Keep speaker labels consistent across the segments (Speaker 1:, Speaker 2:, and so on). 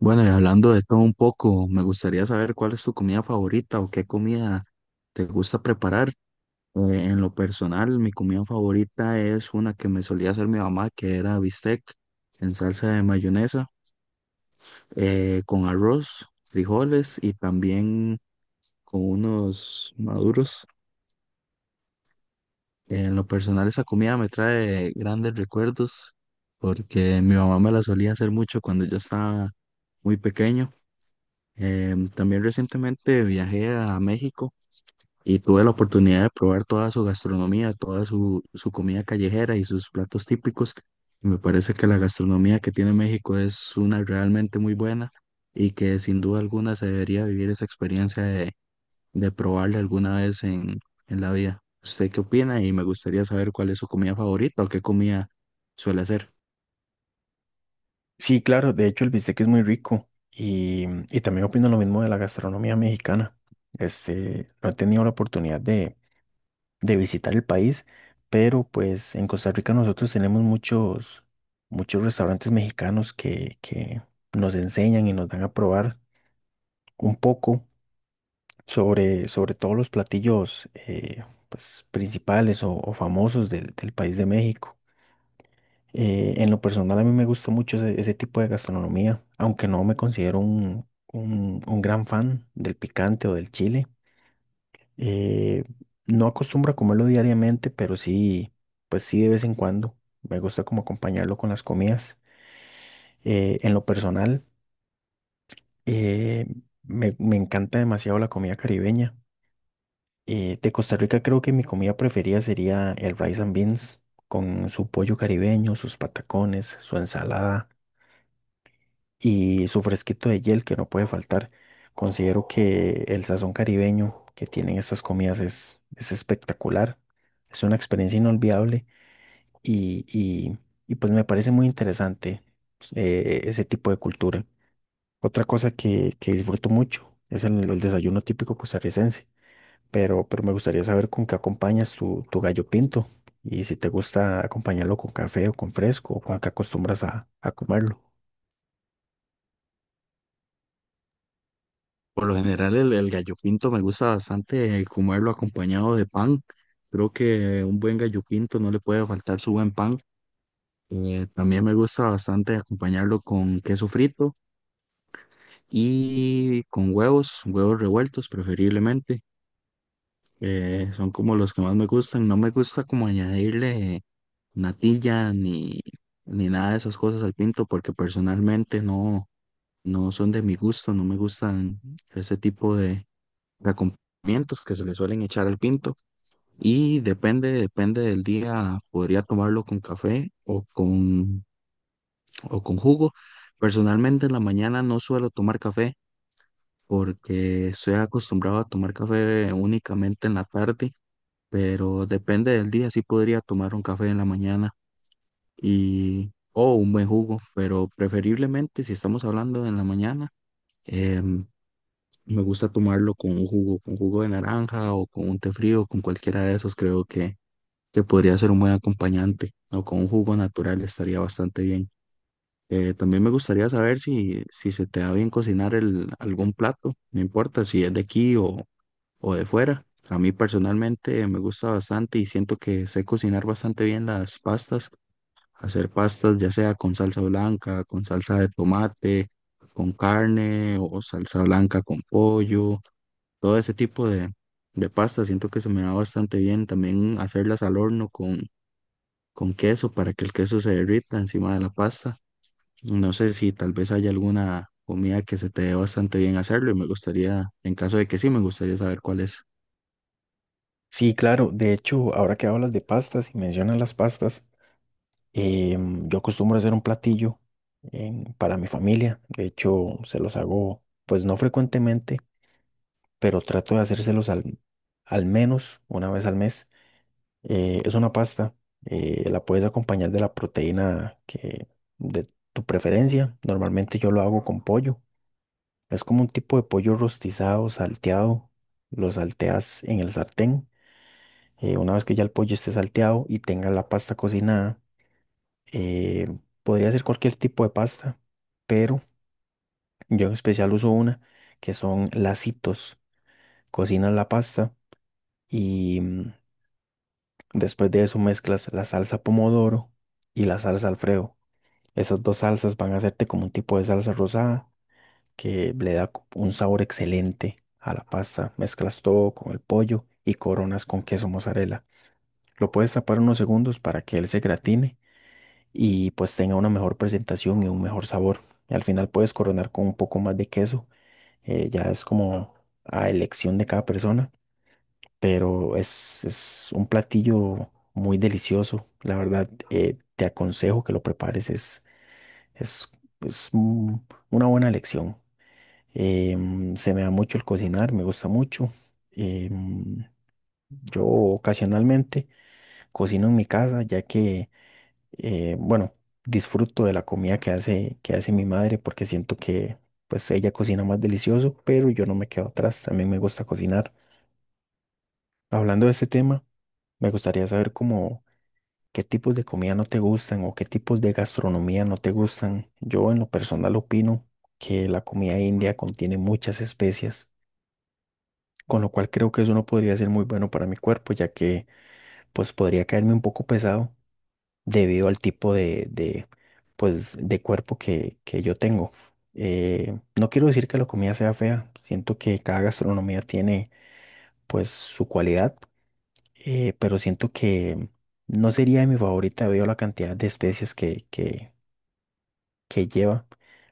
Speaker 1: Bueno, y hablando de todo un poco, me gustaría saber cuál es tu comida favorita o qué comida te gusta preparar. En lo personal, mi comida favorita es una que me solía hacer mi mamá, que era bistec en salsa de mayonesa, con arroz, frijoles y también con unos maduros. En lo personal, esa comida me trae grandes recuerdos porque mi mamá me la solía hacer mucho cuando yo estaba muy pequeño. También recientemente viajé a México y tuve la oportunidad de probar toda su gastronomía, toda su comida callejera y sus platos típicos. Y me parece que la gastronomía que tiene México es una realmente muy buena y que sin duda alguna se debería vivir esa experiencia de probarla alguna vez en la vida. ¿Usted qué opina? Y me gustaría saber cuál es su comida favorita o qué comida suele hacer.
Speaker 2: Sí, claro, de hecho el bistec es muy rico y también opino lo mismo de la gastronomía mexicana. Este, no he tenido la oportunidad de visitar el país, pero pues en Costa Rica nosotros tenemos muchos restaurantes mexicanos que nos enseñan y nos dan a probar un poco sobre todos los platillos pues, principales o famosos del país de México. En lo personal a mí me gusta mucho ese tipo de gastronomía, aunque no me considero un gran fan del picante o del chile. Eh, no acostumbro a comerlo diariamente, pero sí, pues sí de vez en cuando. Me gusta como acompañarlo con las comidas. En lo personal, eh, me encanta demasiado la comida caribeña. De Costa Rica creo que mi comida preferida sería el rice and beans con su pollo caribeño, sus patacones, su ensalada y su fresquito de hiel que no puede faltar. Considero que el sazón caribeño que tienen estas comidas es espectacular, es una experiencia inolvidable y, y- y pues me parece muy interesante ese tipo de cultura. Otra cosa que disfruto mucho es el desayuno típico costarricense, pero me gustaría saber con qué acompañas tu gallo pinto y si te gusta acompañarlo con café o con fresco o con qué acostumbras a comerlo.
Speaker 1: Por lo general, el gallo pinto me gusta bastante comerlo acompañado de pan. Creo que un buen gallo pinto no le puede faltar su buen pan. También me gusta bastante acompañarlo con queso frito y con huevos, huevos revueltos preferiblemente. Son como los que más me gustan. No me gusta como añadirle natilla ni nada de esas cosas al pinto porque personalmente no, no son de mi gusto, no me gustan ese tipo de acompañamientos que se le suelen echar al pinto y depende del día, podría tomarlo con café o con jugo. Personalmente en la mañana no suelo tomar café porque estoy acostumbrado a tomar café únicamente en la tarde, pero depende del día, sí podría tomar un café en la mañana y o un buen jugo, pero preferiblemente si estamos hablando en la mañana. em, Me gusta tomarlo con un jugo, con jugo de naranja o con un té frío, con cualquiera de esos, creo que podría ser un buen acompañante o con un jugo natural estaría bastante bien. También me gustaría saber si se te da bien cocinar el, algún plato, no importa si es de aquí o de fuera. A mí personalmente me gusta bastante y siento que sé cocinar bastante bien las pastas, hacer pastas ya sea con salsa blanca, con salsa de tomate, con carne o salsa blanca con pollo todo ese tipo de pasta. Siento que se me da bastante bien. También hacerlas al horno con queso para que el queso se derrita encima de la pasta. No sé si tal vez haya alguna comida que se te dé bastante bien hacerlo y me gustaría, en caso de que sí, me gustaría saber cuál es.
Speaker 2: Sí, claro. De hecho, ahora que hablas de pastas y mencionas las pastas, yo acostumbro hacer un platillo para mi familia. De hecho, se los hago, pues no frecuentemente, pero trato de hacérselos al menos una vez al mes. Es una pasta. La puedes acompañar de la proteína que de tu preferencia. Normalmente yo lo hago con pollo. Es como un tipo de pollo rostizado, salteado. Lo salteas en el sartén. Una vez que ya el pollo esté salteado y tenga la pasta cocinada, eh, podría ser cualquier tipo de pasta, pero yo en especial uso una que son lacitos. Cocinas la pasta y después de eso mezclas la salsa pomodoro y la salsa Alfredo. Esas dos salsas van a hacerte como un tipo de salsa rosada que le da un sabor excelente a la pasta. Mezclas todo con el pollo y coronas con queso mozzarella. Lo puedes tapar unos segundos para que él se gratine y pues tenga una mejor presentación y un mejor sabor. Y al final puedes coronar con un poco más de queso. Ya es como a elección de cada persona, pero es un platillo muy delicioso. La verdad, te aconsejo que lo prepares, es, es una buena elección. Se me da mucho el cocinar, me gusta mucho. Em, yo ocasionalmente cocino en mi casa, ya que bueno, disfruto de la comida que que hace mi madre porque siento que pues ella cocina más delicioso, pero yo no me quedo atrás, también me gusta cocinar. Hablando de este tema, me gustaría saber cómo qué tipos de comida no te gustan o qué tipos de gastronomía no te gustan. Yo en lo personal opino que la comida india contiene muchas especias, con lo cual creo que eso no podría ser muy bueno para mi cuerpo, ya que pues podría caerme un poco pesado debido al tipo de, pues, de cuerpo que yo tengo. No quiero decir que la comida sea fea, siento que cada gastronomía tiene pues su cualidad, pero siento que no sería mi favorita debido a la cantidad de especies que lleva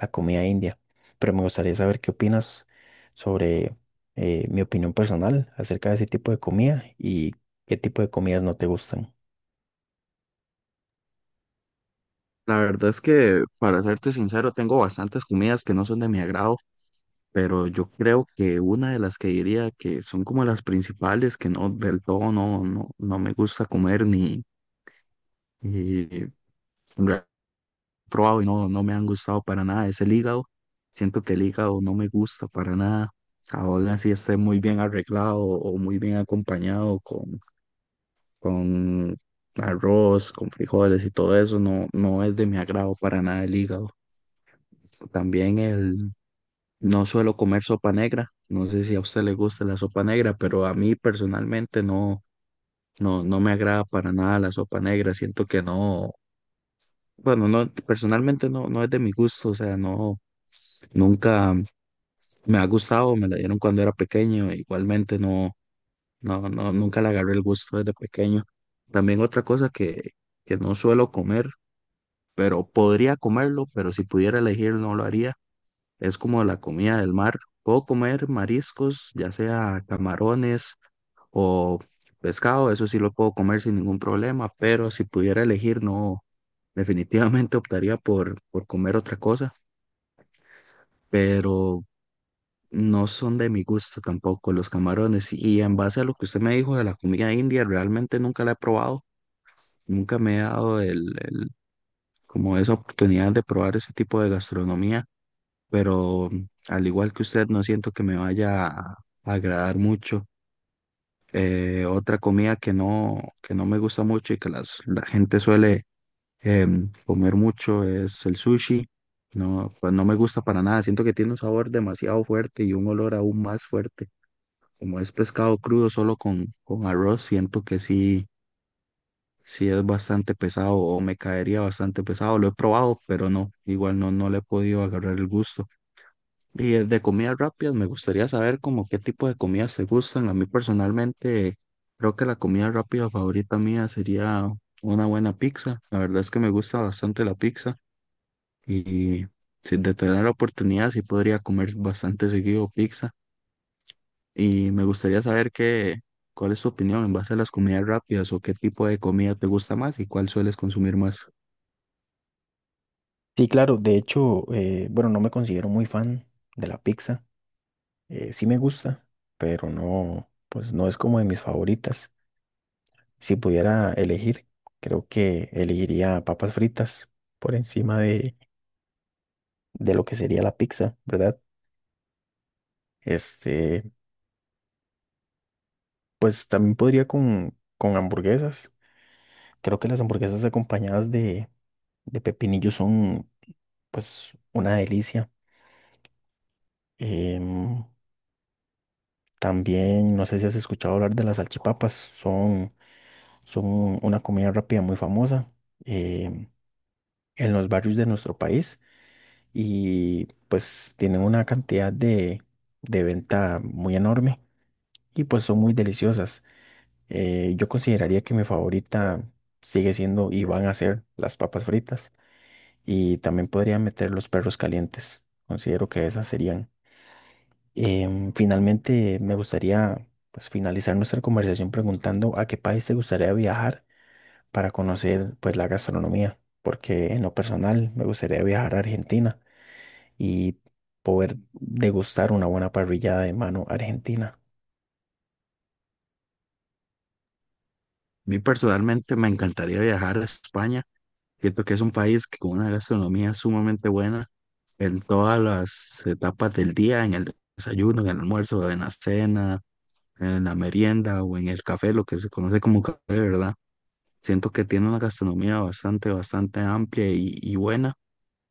Speaker 2: la comida india. Pero me gustaría saber qué opinas sobre mi opinión personal acerca de ese tipo de comida y qué tipo de comidas no te gustan.
Speaker 1: La verdad es que, para serte sincero, tengo bastantes comidas que no son de mi agrado, pero yo creo que una de las que diría que son como las principales, que no del todo no, no, no me gusta comer ni, y probado y no, no me han gustado para nada. Es el hígado. Siento que el hígado no me gusta para nada. Ahora sí esté muy bien arreglado o muy bien acompañado con arroz, con frijoles y todo eso. No, no es de mi agrado para nada el hígado. También el... No suelo comer sopa negra. No sé si a usted le gusta la sopa negra, pero a mí personalmente no, no, no me agrada para nada la sopa negra. Siento que no, bueno, no, personalmente no, no es de mi gusto, o sea, no, nunca, me ha gustado, me la dieron cuando era pequeño, igualmente no, no, no, nunca le agarré el gusto desde pequeño. También otra cosa que no suelo comer, pero podría comerlo, pero si pudiera elegir no lo haría, es como la comida del mar. Puedo comer mariscos, ya sea camarones o pescado, eso sí lo puedo comer sin ningún problema, pero si pudiera elegir no, definitivamente optaría por comer otra cosa, pero no son de mi gusto tampoco los camarones. Y en base a lo que usted me dijo de la comida india, realmente nunca la he probado. Nunca me he dado como esa oportunidad de probar ese tipo de gastronomía. Pero mm, al igual que usted, no siento que me vaya a agradar mucho. Otra comida que no me gusta mucho y que la gente suele comer mucho es el sushi. No, pues no me gusta para nada. Siento que tiene un sabor demasiado fuerte y un olor aún más fuerte. Como es pescado crudo solo con arroz, siento que sí, sí es bastante pesado o me caería bastante pesado. Lo he probado, pero no, igual no, no le he podido agarrar el gusto. Y de comidas rápidas, me gustaría saber como qué tipo de comidas te gustan. A mí personalmente, creo que la comida rápida favorita mía sería una buena pizza. La verdad es que me gusta bastante la pizza y si de tener la oportunidad, sí podría comer bastante seguido pizza. Y me gustaría saber cuál es tu opinión en base a las comidas rápidas o qué tipo de comida te gusta más y cuál sueles consumir más.
Speaker 2: Sí, claro, de hecho, bueno, no me considero muy fan de la pizza. Eh, sí me gusta, pero no, pues no es como de mis favoritas. Si pudiera elegir, creo que elegiría papas fritas por encima de lo que sería la pizza, ¿verdad? Este, pues también podría con hamburguesas. Creo que las hamburguesas acompañadas de pepinillo son, pues, una delicia. Em, También, no sé si has escuchado hablar de las salchipapas, son son una comida rápida muy famosa eh, en los barrios de nuestro país y pues tienen una cantidad de venta muy enorme y pues son muy deliciosas. Yo consideraría que mi favorita sigue siendo y van a ser las papas fritas y también podría meter los perros calientes. Considero que esas serían. Finalmente me gustaría pues finalizar nuestra conversación preguntando a qué país te gustaría viajar para conocer pues la gastronomía, porque en lo personal me gustaría viajar a Argentina y poder degustar una buena parrillada de mano argentina.
Speaker 1: A mí personalmente me encantaría viajar a España. Siento que es un país que con una gastronomía sumamente buena en todas las etapas del día, en el desayuno, en el almuerzo, en la cena, en la merienda o en el café, lo que se conoce como café, ¿verdad? Siento que tiene una gastronomía bastante amplia y buena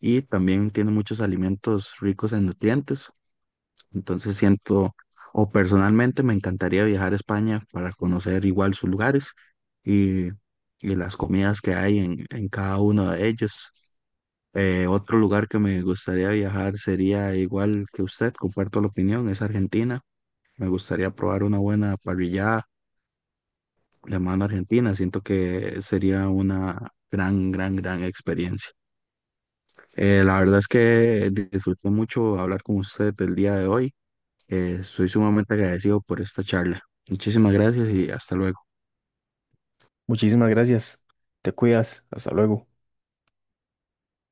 Speaker 1: y también tiene muchos alimentos ricos en nutrientes. Entonces siento, o personalmente me encantaría viajar a España para conocer igual sus lugares y, y las comidas que hay en cada uno de ellos. Otro lugar que me gustaría viajar sería igual que usted, comparto la opinión, es Argentina. Me gustaría probar una buena parrillada de mano argentina. Siento que sería una gran experiencia. La verdad es que disfruté mucho hablar con usted el día de hoy. Soy sumamente agradecido por esta charla. Muchísimas gracias y hasta luego.
Speaker 2: Muchísimas gracias. Te cuidas. Hasta luego.